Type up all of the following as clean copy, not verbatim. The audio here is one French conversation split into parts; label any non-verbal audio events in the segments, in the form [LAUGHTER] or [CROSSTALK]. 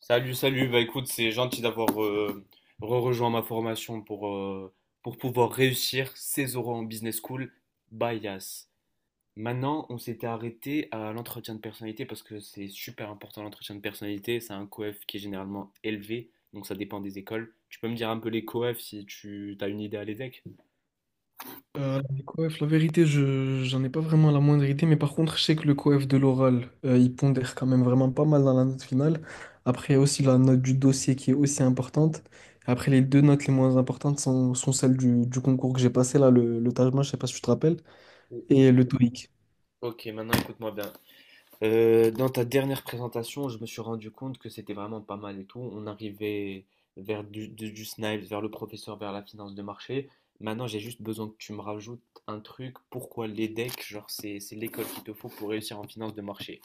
Salut, salut. Bah écoute, c'est gentil d'avoir re-rejoint ma formation pour pour pouvoir réussir ses oraux en business school. Bias. Maintenant, on s'était arrêté à l'entretien de personnalité parce que c'est super important l'entretien de personnalité. C'est un coef qui est généralement élevé, donc ça dépend des écoles. Tu peux me dire un peu les coefs si tu as une idée à l'EDEC? Les coefs, la vérité, je j'en ai pas vraiment la moindre idée, mais par contre, je sais que le coef de l'oral, il pondère quand même vraiment pas mal dans la note finale. Après, il y a aussi la note du dossier qui est aussi importante. Après, les deux notes les moins importantes sont celles du concours que j'ai passé, là, le TAJMA, je sais pas si tu te rappelles, Oui. et le TOEIC. Ok, maintenant écoute-moi bien. Dans ta dernière présentation, je me suis rendu compte que c'était vraiment pas mal et tout. On arrivait vers du Snipes, vers le professeur, vers la finance de marché. Maintenant, j'ai juste besoin que tu me rajoutes un truc. Pourquoi l'EDEC, genre, c'est l'école qu'il te faut pour réussir en finance de marché.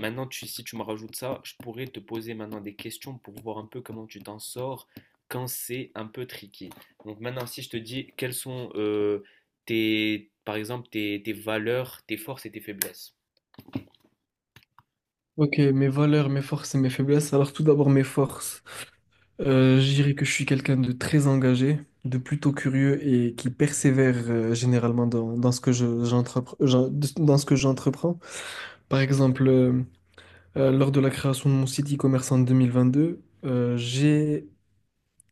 Maintenant, si tu me rajoutes ça, je pourrais te poser maintenant des questions pour voir un peu comment tu t'en sors quand c'est un peu tricky. Donc maintenant, si je te dis quelles sont par exemple, tes valeurs, tes forces et tes faiblesses. Ok, mes valeurs, mes forces et mes faiblesses. Alors, tout d'abord, mes forces. Je dirais que je suis quelqu'un de très engagé, de plutôt curieux et qui persévère généralement dans ce que je, dans ce que j'entreprends. Par exemple, lors de la création de mon site e-commerce en 2022,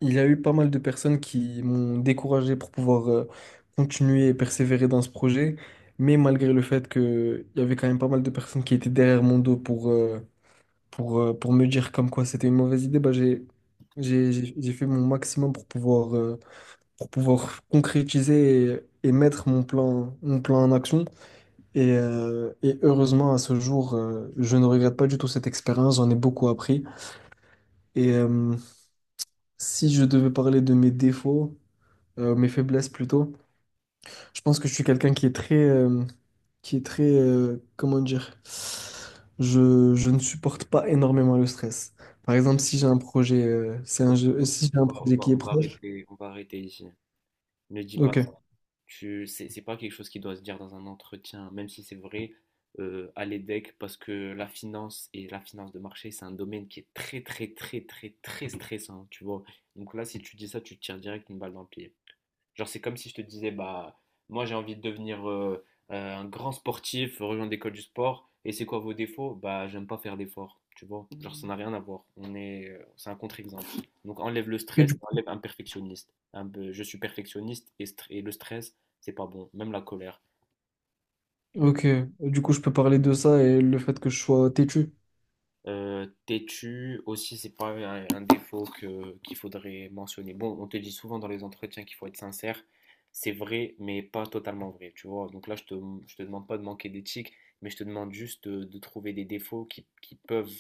il y a eu pas mal de personnes qui m'ont découragé pour pouvoir continuer et persévérer dans ce projet. Mais malgré le fait qu'il y avait quand même pas mal de personnes qui étaient derrière mon dos pour me dire comme quoi c'était une mauvaise idée, bah, j'ai fait mon maximum pour pouvoir concrétiser et mettre mon plan en action. Et heureusement, à ce jour, je ne regrette pas du tout cette expérience, j'en ai beaucoup appris. Et euh, Si je devais parler de mes défauts, mes faiblesses plutôt, je pense que je suis quelqu'un qui est très, comment dire, je ne supporte pas énormément le stress. Par exemple, si j'ai un projet, si j'ai un On projet qui est on va proche, arrêter, on va arrêter ici. Ne dis pas ok. ça. C'est pas quelque chose qui doit se dire dans un entretien, même si c'est vrai, à l'EDEC, parce que la finance et la finance de marché, c'est un domaine qui est très, très, très, très, très stressant, tu vois. Donc là, si tu dis ça, tu te tires direct une balle dans le pied. Genre, c'est comme si je te disais, bah, moi j'ai envie de devenir un grand sportif, rejoindre l'école du sport. Et c'est quoi vos défauts? Bah, j'aime pas faire d'efforts, tu vois. Genre, ça n'a rien à voir. C'est un contre-exemple. Donc, enlève le Et stress, du, enlève un perfectionniste. Je suis perfectionniste et, et le stress, c'est pas bon. Même la colère. ok, du coup, je peux parler de ça et le fait que je sois têtu. Têtu aussi, c'est pas un défaut qu'il faudrait mentionner. Bon, on te dit souvent dans les entretiens qu'il faut être sincère. C'est vrai, mais pas totalement vrai, tu vois. Donc là, je te demande pas de manquer d'éthique, mais je te demande juste de trouver des défauts qui peuvent…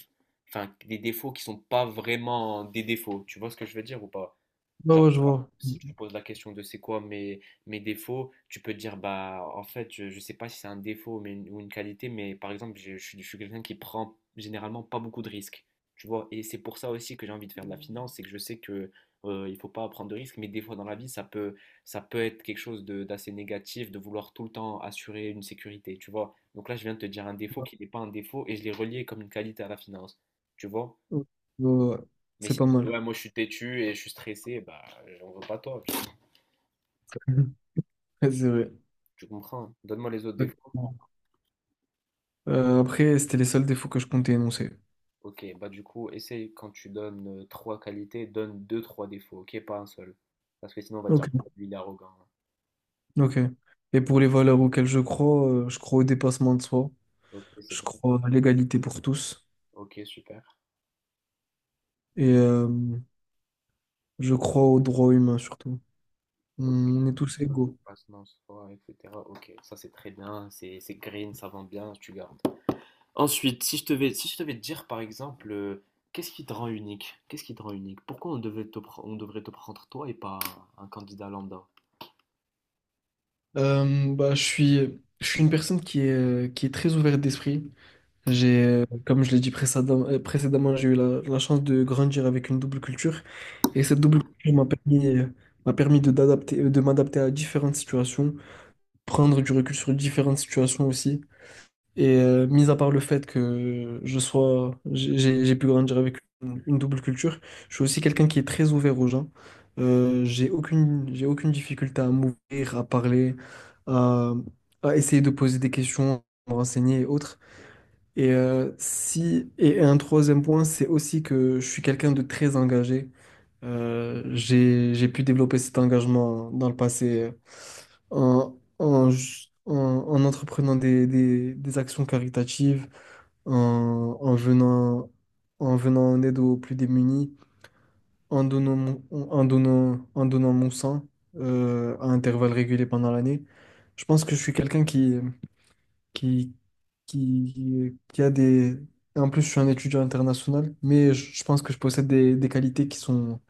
Enfin, des défauts qui sont pas vraiment des défauts. Tu vois ce que je veux dire ou pas? Bah Genre, ouais, je vois. si tu poses la question de c'est quoi mes défauts, tu peux te dire, bah, en fait, je sais pas si c'est un défaut mais, une- ou une qualité, mais par exemple, je, suis je suis quelqu'un qui prend généralement pas beaucoup de risques. Tu vois, et c'est pour ça aussi que j'ai envie de faire de la finance, c'est que je sais que il faut pas prendre de risques, mais des fois dans la vie, ça peut être quelque chose d'assez négatif de vouloir tout le temps assurer une sécurité, tu vois. Donc là, je viens de te dire un défaut qui n'est pas un défaut et je l'ai relié comme une qualité à la finance, tu vois. Ouais, ouais, Mais c'est si pas tu dis, mal. ouais, moi je suis têtu et je suis stressé, bah j'en veux pas toi, [LAUGHS] Mhm. Ouais, c'est vrai. tu comprends. Hein. Donne-moi les autres défauts. Exactement. Après, c'était les seuls défauts que je comptais énoncer. Ok, bah du coup, essaye quand tu donnes trois qualités, donne deux, trois défauts, ok, pas un seul. Parce que sinon on va te dire, oh, Ok. lui il est arrogant. Ok. Et pour les valeurs auxquelles je crois au dépassement de soi, Ok, c'est je bon. crois à l'égalité pour tous. Ok, super. Et, euh, Je crois aux droits humains surtout. Ok, On est tous code de égaux. passe, non, c'est pas, etc. Ok, ça c'est très bien, c'est green, ça vend bien, tu gardes. Ensuite, si je devais te dire par exemple, qu'est-ce qui te rend unique? Qu'est-ce qui te rend unique? Pourquoi on devait te pr- on devrait te prendre toi et pas un candidat lambda? Je suis une personne qui est très ouverte d'esprit. Comme je l'ai dit précédemment, j'ai eu la chance de grandir avec une double culture. Et cette double culture m'a permis de m'adapter à différentes situations, prendre du recul sur différentes situations aussi. Mis à part le fait que je sois, j'ai pu grandir avec une double culture, je suis aussi quelqu'un qui est très ouvert aux gens. J'ai aucune difficulté à m'ouvrir, à parler, à, à essayer de poser des questions, à me renseigner et autres. Et si, et un troisième point, c'est aussi que je suis quelqu'un de très engagé. J'ai pu développer cet engagement dans le passé en, en, ju- en- en entreprenant des actions caritatives, en, en venant, en venant en aide aux plus démunis, en donnant mon, en donnant mon sang à intervalles réguliers pendant l'année. Je pense que je suis quelqu'un qui, qui a des... et en plus, je suis un étudiant international, mais je pense que je possède des qualités qui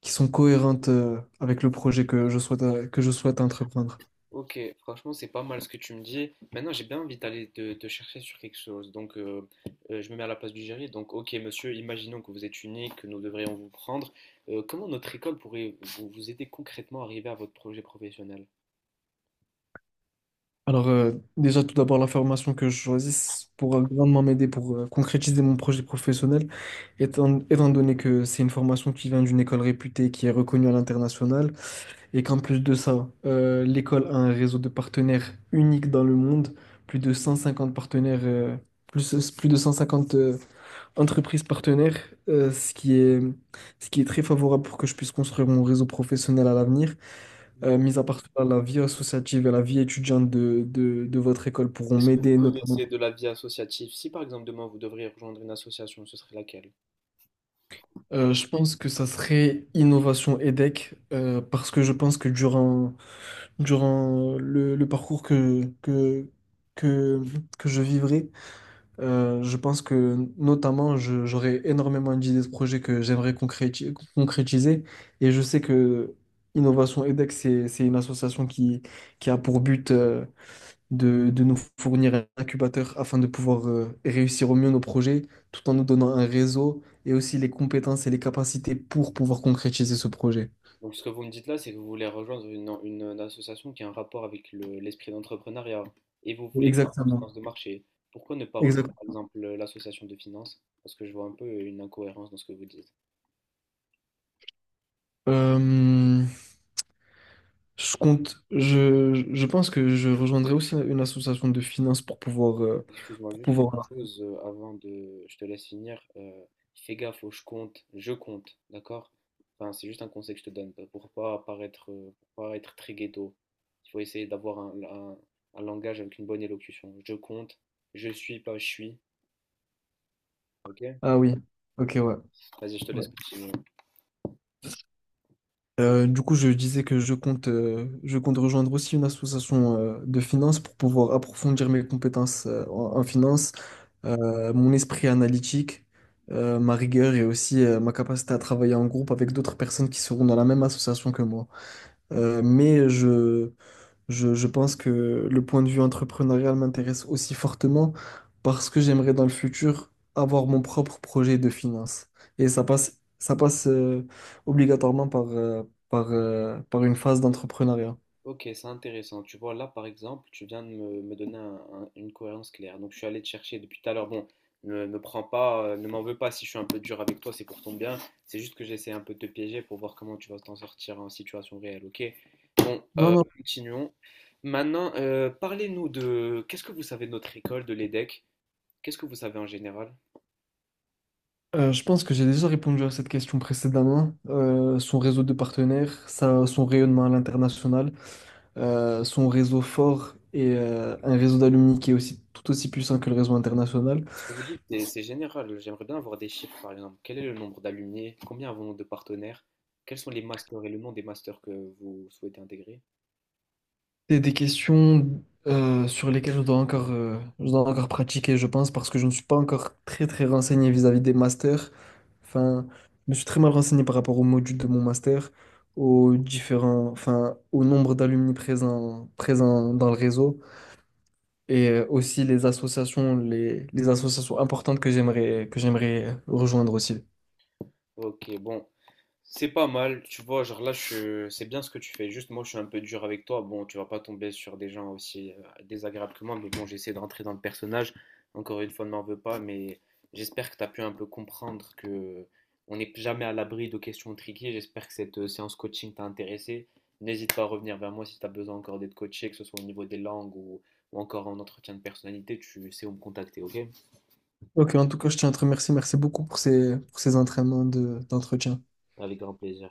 qui sont cohérentes avec le projet que je souhaite entreprendre. Ok, franchement, c'est pas mal ce que tu me dis. Maintenant, j'ai bien envie d'aller te chercher sur quelque chose. Donc, je me mets à la place du jury. Donc, ok, monsieur, imaginons que vous êtes unique, que nous devrions vous prendre. Comment notre école pourrait vous aider concrètement à arriver à votre projet professionnel? Alors, déjà, tout d'abord, la formation que je choisisse pourra grandement m'aider pour concrétiser mon projet professionnel, étant donné que c'est une formation qui vient d'une école réputée, qui est reconnue à l'international, et qu'en plus de ça, l'école a un réseau de partenaires unique dans le monde, plus de 150 partenaires, plus, plus de 150 entreprises partenaires, euh, ce qui est, ce qui est très favorable pour que je puisse construire mon réseau professionnel à l'avenir. Mhm. Mis à part cela, la vie associative et la vie étudiante de votre école pourront Qu'est-ce que vous m'aider notamment. connaissez de la vie associative? Si, par exemple, demain, vous devriez rejoindre une association, ce serait laquelle? Je pense que ça serait Innovation EDEC parce que je pense que durant le parcours que, que je vivrai, je pense que notamment j'aurai énormément d'idées de projets que j'aimerais concrétiser et je sais que Innovation EDEC, c'est une association qui a pour but de nous fournir un incubateur afin de pouvoir réussir au mieux nos projets, tout en nous donnant un réseau et aussi les compétences et les capacités pour pouvoir concrétiser ce projet. Donc, ce que vous me dites là, c'est que vous voulez rejoindre une association qui a un rapport avec l'esprit d'entrepreneuriat et vous voulez faire de la Exactement. finance de marché. Pourquoi ne pas rejoindre, par Exactement. exemple, l'association de finance? Parce que je vois un peu une incohérence dans ce que vous dites. Euh, je pense que je rejoindrai aussi une association de finances pour pouvoir, Excuse-moi pour juste une pouvoir. chose avant de… Je te laisse finir. Fais gaffe au je compte, d'accord? Enfin, c'est juste un conseil que je te donne pour pas paraître, pour pas être très ghetto. Il faut essayer d'avoir un langage avec une bonne élocution. Je compte, je suis, pas je suis, ok? Ah oui, ok, ouais. Vas-y, je te Ouais. laisse continuer. Du coup, je disais que je compte rejoindre aussi une association de finances pour pouvoir approfondir mes compétences en finance mon esprit analytique, ma rigueur et aussi ma capacité à travailler en groupe avec d'autres personnes qui seront dans la même association que moi. Euh, mais je, je pense que le point de vue entrepreneurial m'intéresse aussi fortement parce que j'aimerais dans le futur avoir mon propre projet de finance. Ça passe obligatoirement par, euh, par une phase d'entrepreneuriat. Ok, c'est intéressant. Tu vois, là, par exemple, tu viens de me donner une cohérence claire. Donc, je suis allé te chercher depuis tout à l'heure. Bon, ne m'en veux pas si je suis un peu dur avec toi, c'est pour ton bien. C'est juste que j'essaie un peu de te piéger pour voir comment tu vas t'en sortir en situation réelle, ok? Bon, Non, non. continuons. Maintenant, parlez-nous de… Qu'est-ce que vous savez de notre école, de l'EDEC? Qu'est-ce que vous savez en général? Je pense que j'ai déjà répondu à cette question précédemment. Son réseau de partenaires, son rayonnement à l'international, son réseau fort et un réseau d'alumni qui est aussi tout aussi puissant que le réseau international. Ce que vous dites, c'est général. J'aimerais bien avoir des chiffres, par exemple. Quel est le nombre d'alumni? Combien avons-nous de partenaires? Quels sont les masters et le nom des masters que vous souhaitez intégrer? C'est des questions sur lesquelles je dois encore pratiquer, je pense, parce que je ne suis pas encore très très renseigné vis-à-vis des masters. Enfin, je me suis très mal renseigné par rapport au module de mon master, aux différents, enfin, au nombre d'alumni présents dans le réseau. Et aussi les associations, les associations importantes que j'aimerais rejoindre aussi. Ok, bon, c'est pas mal, tu vois, genre là, je… c'est bien ce que tu fais. Juste, moi, je suis un peu dur avec toi. Bon, tu vas pas tomber sur des gens aussi désagréables que moi, mais bon, j'essaie de rentrer dans le personnage. Encore une fois, ne m'en veux pas, mais j'espère que tu as pu un peu comprendre que on n'est jamais à l'abri de questions triquées. J'espère que cette séance coaching t'a intéressé. N'hésite pas à revenir vers moi si tu as besoin encore d'être coaché, que ce soit au niveau des langues ou encore en entretien de personnalité. Tu sais où me contacter, ok? Ok, en tout cas, je tiens à te remercier. Merci beaucoup pour pour ces entraînements d'entretien. Avec grand plaisir.